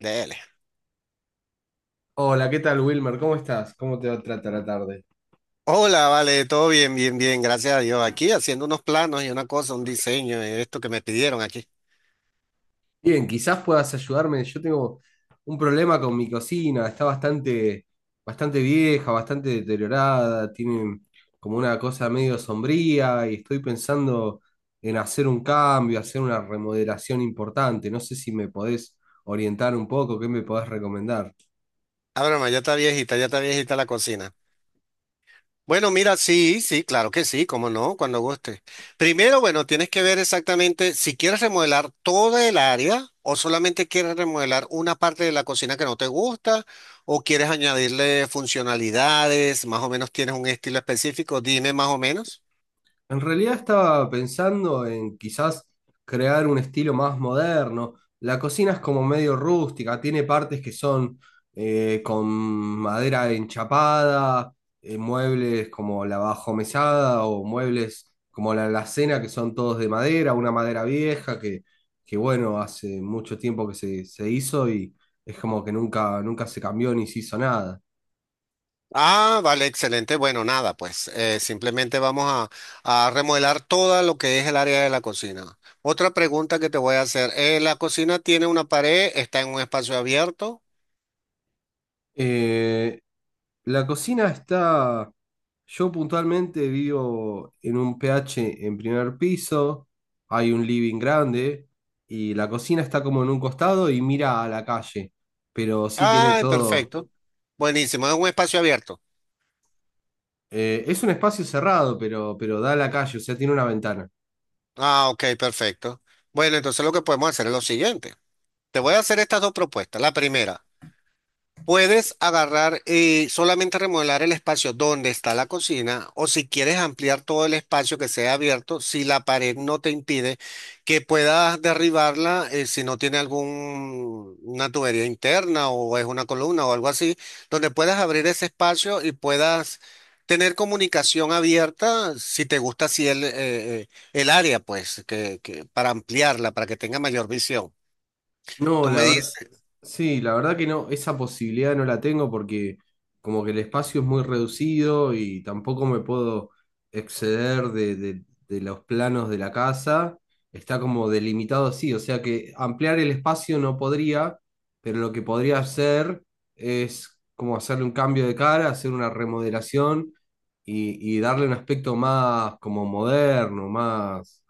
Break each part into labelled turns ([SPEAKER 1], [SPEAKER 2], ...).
[SPEAKER 1] Dele.
[SPEAKER 2] Hola, ¿qué tal, Wilmer? ¿Cómo estás? ¿Cómo te va a tratar la tarde?
[SPEAKER 1] Hola, vale, todo bien, bien, bien, gracias a Dios. Aquí haciendo unos planos y una cosa, un diseño, esto que me pidieron aquí.
[SPEAKER 2] Bien, quizás puedas ayudarme. Yo tengo un problema con mi cocina. Está bastante vieja, bastante deteriorada. Tiene como una cosa medio sombría y estoy pensando en hacer un cambio, hacer una remodelación importante. No sé si me podés orientar un poco, qué me podés recomendar.
[SPEAKER 1] Ah, broma, ya está viejita la cocina. Bueno, mira, sí, sí, claro que sí, cómo no, cuando guste. Primero, bueno, tienes que ver exactamente si quieres remodelar toda el área o solamente quieres remodelar una parte de la cocina que no te gusta o quieres añadirle funcionalidades, más o menos tienes un estilo específico, dime más o menos.
[SPEAKER 2] En realidad estaba pensando en quizás crear un estilo más moderno. La cocina es como medio rústica, tiene partes que son con madera enchapada, muebles como la bajomesada o muebles como la alacena que son todos de madera, una madera vieja que bueno, hace mucho tiempo que se hizo y es como que nunca se cambió ni se hizo nada.
[SPEAKER 1] Ah, vale, excelente. Bueno, nada, pues simplemente vamos a remodelar todo lo que es el área de la cocina. Otra pregunta que te voy a hacer. ¿La cocina tiene una pared? ¿Está en un espacio abierto?
[SPEAKER 2] Eh, La cocina está, yo puntualmente vivo en un PH en primer piso, hay un living grande y la cocina está como en un costado y mira a la calle, pero sí tiene
[SPEAKER 1] Ay,
[SPEAKER 2] todo,
[SPEAKER 1] perfecto. Buenísimo, es un espacio abierto.
[SPEAKER 2] es un espacio cerrado, pero da a la calle, o sea, tiene una ventana.
[SPEAKER 1] Ah, ok, perfecto. Bueno, entonces lo que podemos hacer es lo siguiente. Te voy a hacer estas dos propuestas. La primera. Puedes agarrar y solamente remodelar el espacio donde está la cocina o si quieres ampliar todo el espacio que sea abierto, si la pared no te impide que puedas derribarla, si no tiene alguna tubería interna o es una columna o algo así, donde puedas abrir ese espacio y puedas tener comunicación abierta si te gusta así el área, pues, para ampliarla, para que tenga mayor visión.
[SPEAKER 2] No,
[SPEAKER 1] Tú
[SPEAKER 2] la
[SPEAKER 1] me
[SPEAKER 2] verdad,
[SPEAKER 1] dices.
[SPEAKER 2] sí, la verdad que no, esa posibilidad no la tengo porque como que el espacio es muy reducido y tampoco me puedo exceder de los planos de la casa, está como delimitado así, o sea que ampliar el espacio no podría, pero lo que podría hacer es como hacerle un cambio de cara, hacer una remodelación y darle un aspecto más como moderno, más,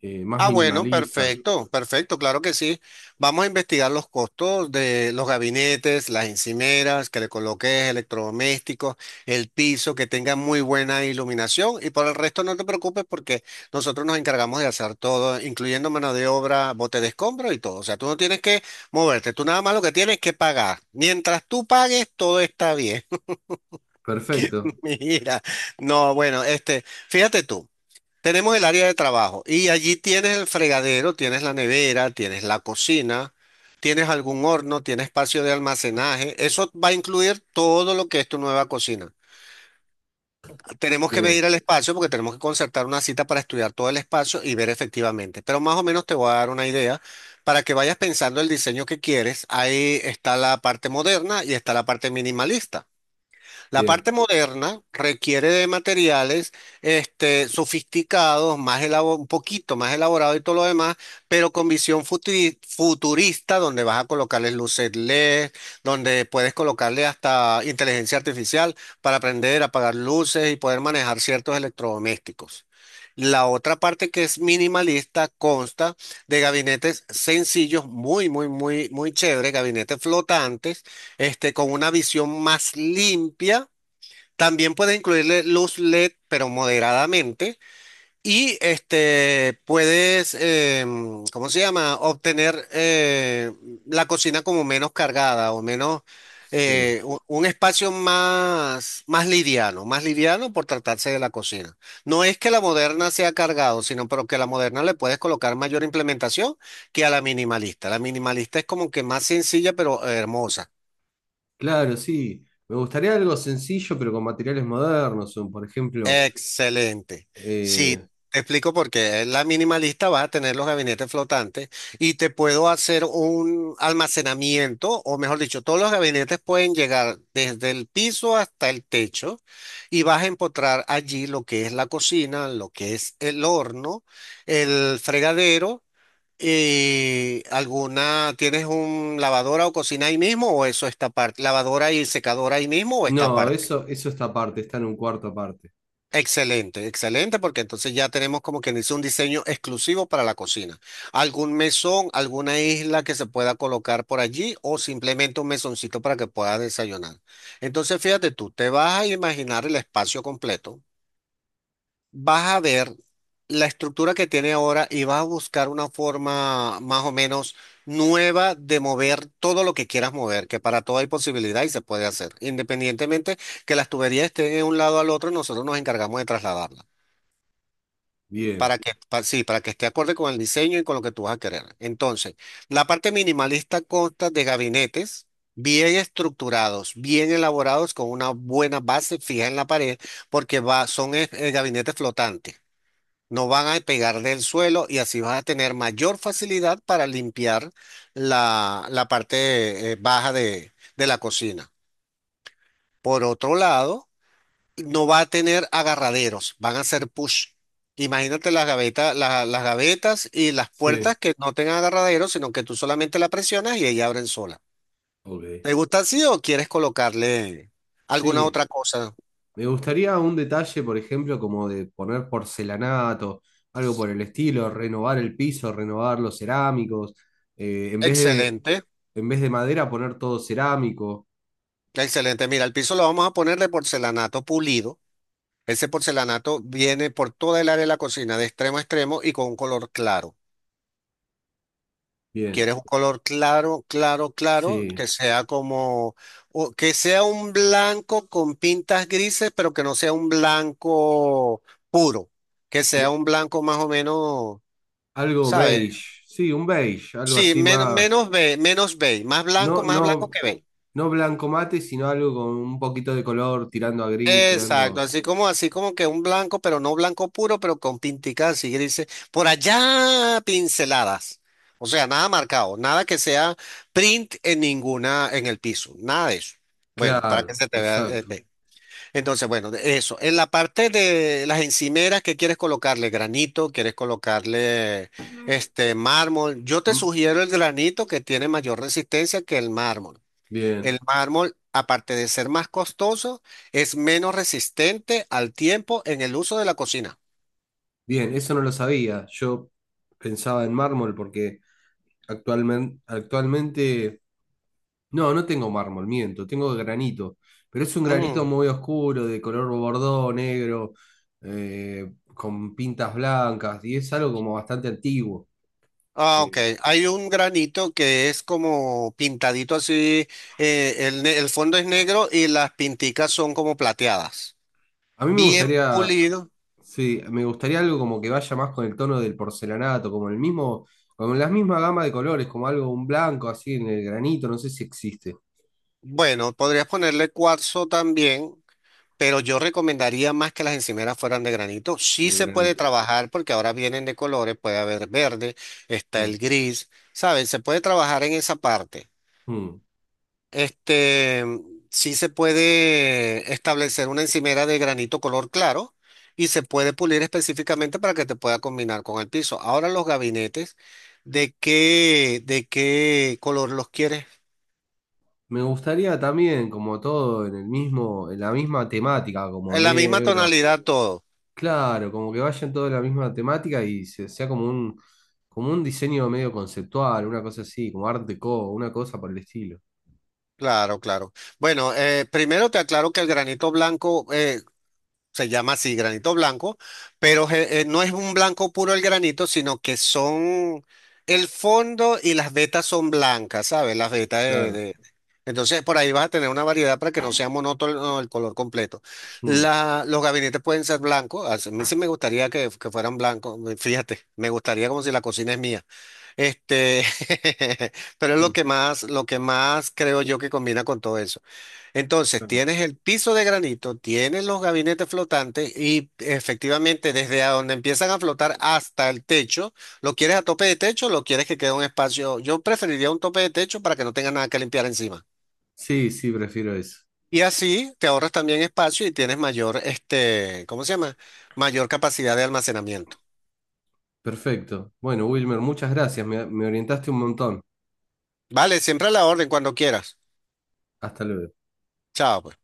[SPEAKER 2] más
[SPEAKER 1] Ah, bueno,
[SPEAKER 2] minimalista.
[SPEAKER 1] perfecto, perfecto, claro que sí. Vamos a investigar los costos de los gabinetes, las encimeras, que le coloques electrodomésticos, el piso, que tenga muy buena iluminación y por el resto no te preocupes porque nosotros nos encargamos de hacer todo, incluyendo mano de obra, bote de escombro y todo. O sea, tú no tienes que moverte, tú nada más lo que tienes es que pagar. Mientras tú pagues, todo está bien.
[SPEAKER 2] Perfecto,
[SPEAKER 1] Mira, no, bueno, este, fíjate tú. Tenemos el área de trabajo y allí tienes el fregadero, tienes la nevera, tienes la cocina, tienes algún horno, tienes espacio de almacenaje. Eso va a incluir todo lo que es tu nueva cocina. Tenemos que
[SPEAKER 2] bien,
[SPEAKER 1] medir el espacio porque tenemos que concertar una cita para estudiar todo el espacio y ver efectivamente. Pero más o menos te voy a dar una idea para que vayas pensando el diseño que quieres. Ahí está la parte moderna y está la parte minimalista. La
[SPEAKER 2] bien.
[SPEAKER 1] parte moderna requiere de materiales este, sofisticados, más un poquito más elaborados y todo lo demás, pero con visión futurista, donde vas a colocarles luces LED, donde puedes colocarle hasta inteligencia artificial para aprender a apagar luces y poder manejar ciertos electrodomésticos. La otra parte que es minimalista consta de gabinetes sencillos, muy, muy, muy, muy chévere, gabinetes flotantes, este, con una visión más limpia también puedes incluirle luz LED, pero moderadamente. Y este, puedes, ¿cómo se llama? Obtener la cocina como menos cargada o menos,
[SPEAKER 2] Sí,
[SPEAKER 1] espacio más, más liviano por tratarse de la cocina. No es que la moderna sea cargado, sino pero que a la moderna le puedes colocar mayor implementación que a la minimalista. La minimalista es como que más sencilla, pero hermosa.
[SPEAKER 2] claro, sí. Me gustaría algo sencillo, pero con materiales modernos, o por ejemplo,
[SPEAKER 1] Excelente. Sí,
[SPEAKER 2] eh,
[SPEAKER 1] te explico por qué. La minimalista va a tener los gabinetes flotantes y te puedo hacer un almacenamiento, o mejor dicho, todos los gabinetes pueden llegar desde el piso hasta el techo y vas a encontrar allí lo que es la cocina, lo que es el horno, el fregadero y alguna, ¿tienes un lavadora o cocina ahí mismo o eso está aparte? ¿Lavadora y secadora ahí mismo o está
[SPEAKER 2] no,
[SPEAKER 1] aparte?
[SPEAKER 2] eso está aparte, está en un cuarto aparte.
[SPEAKER 1] Excelente, excelente, porque entonces ya tenemos como quien dice un diseño exclusivo para la cocina. ¿Algún mesón, alguna isla que se pueda colocar por allí o simplemente un mesoncito para que pueda desayunar? Entonces, fíjate tú, te vas a imaginar el espacio completo, vas a ver la estructura que tiene ahora y vas a buscar una forma más o menos nueva de mover todo lo que quieras mover, que para todo hay posibilidad y se puede hacer. Independientemente que las tuberías estén de un lado al otro, nosotros nos encargamos de trasladarlas.
[SPEAKER 2] Bien,
[SPEAKER 1] Para que, sí, para que esté acorde con el diseño y con lo que tú vas a querer. Entonces, la parte minimalista consta de gabinetes bien estructurados, bien elaborados, con una buena base fija en la pared, porque va, son gabinetes flotantes. No van a pegar del suelo y así vas a tener mayor facilidad para limpiar la parte baja de la cocina. Por otro lado, no va a tener agarraderos, van a ser push. Imagínate las gavetas, las gavetas y las
[SPEAKER 2] sí,
[SPEAKER 1] puertas que no tengan agarraderos, sino que tú solamente la presionas y ella abren sola.
[SPEAKER 2] ok.
[SPEAKER 1] ¿Te gusta así o quieres colocarle alguna
[SPEAKER 2] Sí,
[SPEAKER 1] otra cosa?
[SPEAKER 2] me gustaría un detalle, por ejemplo, como de poner porcelanato, algo por el estilo, renovar el piso, renovar los cerámicos, eh, en vez de,
[SPEAKER 1] Excelente,
[SPEAKER 2] en vez de madera poner todo cerámico.
[SPEAKER 1] excelente. Mira, el piso lo vamos a poner de porcelanato pulido. Ese porcelanato viene por toda el área de la cocina, de extremo a extremo y con un color claro.
[SPEAKER 2] Bien,
[SPEAKER 1] Quieres un color claro, claro, claro,
[SPEAKER 2] sí.
[SPEAKER 1] que sea como, o que sea un blanco con pintas grises, pero que no sea un blanco puro, que
[SPEAKER 2] Pero
[SPEAKER 1] sea un blanco más o menos,
[SPEAKER 2] algo
[SPEAKER 1] ¿sabes?
[SPEAKER 2] beige, sí, un beige, algo
[SPEAKER 1] Sí,
[SPEAKER 2] así más.
[SPEAKER 1] menos menos beige,
[SPEAKER 2] No,
[SPEAKER 1] más blanco
[SPEAKER 2] no,
[SPEAKER 1] que beige.
[SPEAKER 2] no blanco mate, sino algo con un poquito de color, tirando a gris,
[SPEAKER 1] Exacto,
[SPEAKER 2] tirando.
[SPEAKER 1] así como que un blanco, pero no blanco puro, pero con pinticas así grises, por allá pinceladas. O sea, nada marcado, nada que sea print en ninguna, en el piso, nada de eso. Bueno, para que
[SPEAKER 2] Claro,
[SPEAKER 1] se te vea
[SPEAKER 2] exacto.
[SPEAKER 1] bien. Entonces, bueno, de eso. En la parte de las encimeras, ¿qué quieres colocarle? Granito, quieres colocarle este mármol. Yo te
[SPEAKER 2] Mm,
[SPEAKER 1] sugiero el granito que tiene mayor resistencia que el mármol. El
[SPEAKER 2] bien,
[SPEAKER 1] mármol, aparte de ser más costoso, es menos resistente al tiempo en el uso de la cocina.
[SPEAKER 2] bien, eso no lo sabía. Yo pensaba en mármol porque actualmente, no, no tengo mármol, miento, tengo granito, pero es un granito
[SPEAKER 1] Ujú.
[SPEAKER 2] muy oscuro, de color bordó, negro, con pintas blancas, y es algo como bastante antiguo.
[SPEAKER 1] Ah,
[SPEAKER 2] eh,
[SPEAKER 1] ok. Hay un granito que es como pintadito así, el fondo es negro y las pinticas son como plateadas.
[SPEAKER 2] A mí me
[SPEAKER 1] Bien
[SPEAKER 2] gustaría,
[SPEAKER 1] pulido.
[SPEAKER 2] sí, me gustaría algo como que vaya más con el tono del porcelanato, como el mismo, con la misma gama de colores, como algo, un blanco así en el granito, no sé si existe
[SPEAKER 1] Bueno, podrías ponerle cuarzo también. Pero yo recomendaría más que las encimeras fueran de granito. Sí
[SPEAKER 2] el
[SPEAKER 1] se puede
[SPEAKER 2] granito.
[SPEAKER 1] trabajar porque ahora vienen de colores, puede haber verde, está
[SPEAKER 2] Mm,
[SPEAKER 1] el gris, ¿saben? Se puede trabajar en esa parte.
[SPEAKER 2] mm.
[SPEAKER 1] Este, sí se puede establecer una encimera de granito color claro y se puede pulir específicamente para que te pueda combinar con el piso. Ahora los gabinetes, ¿de qué color los quieres?
[SPEAKER 2] Me gustaría también, como todo, en el mismo, en la misma temática, como
[SPEAKER 1] En la misma
[SPEAKER 2] negro.
[SPEAKER 1] tonalidad todo.
[SPEAKER 2] Claro, como que vayan todos en la misma temática y sea como un diseño medio conceptual, una cosa así, como art déco, una cosa por el estilo.
[SPEAKER 1] Claro, claro. Bueno, primero te aclaro que el granito blanco se llama así, granito blanco, pero no es un blanco puro el granito, sino que son el fondo y las vetas son blancas, ¿sabes? Las vetas
[SPEAKER 2] Claro.
[SPEAKER 1] Entonces por ahí vas a tener una variedad para que no sea monótono el color completo.
[SPEAKER 2] Mm,
[SPEAKER 1] Los gabinetes pueden ser blancos, a mí sí me gustaría que fueran blancos, fíjate, me gustaría como si la cocina es mía. Este, pero es
[SPEAKER 2] mm,
[SPEAKER 1] lo que más creo yo que combina con todo eso. Entonces,
[SPEAKER 2] claro.
[SPEAKER 1] tienes el piso de granito, tienes los gabinetes flotantes y efectivamente desde a donde empiezan a flotar hasta el techo, ¿lo quieres a tope de techo o lo quieres que quede un espacio? Yo preferiría un tope de techo para que no tenga nada que limpiar encima.
[SPEAKER 2] Sí, sí, prefiero eso.
[SPEAKER 1] Y así te ahorras también espacio y tienes mayor, este, ¿cómo se llama? Mayor capacidad de almacenamiento.
[SPEAKER 2] Perfecto. Bueno, Wilmer, muchas gracias. Me orientaste un montón.
[SPEAKER 1] Vale, siempre a la orden cuando quieras.
[SPEAKER 2] Hasta luego.
[SPEAKER 1] Chao. Pues.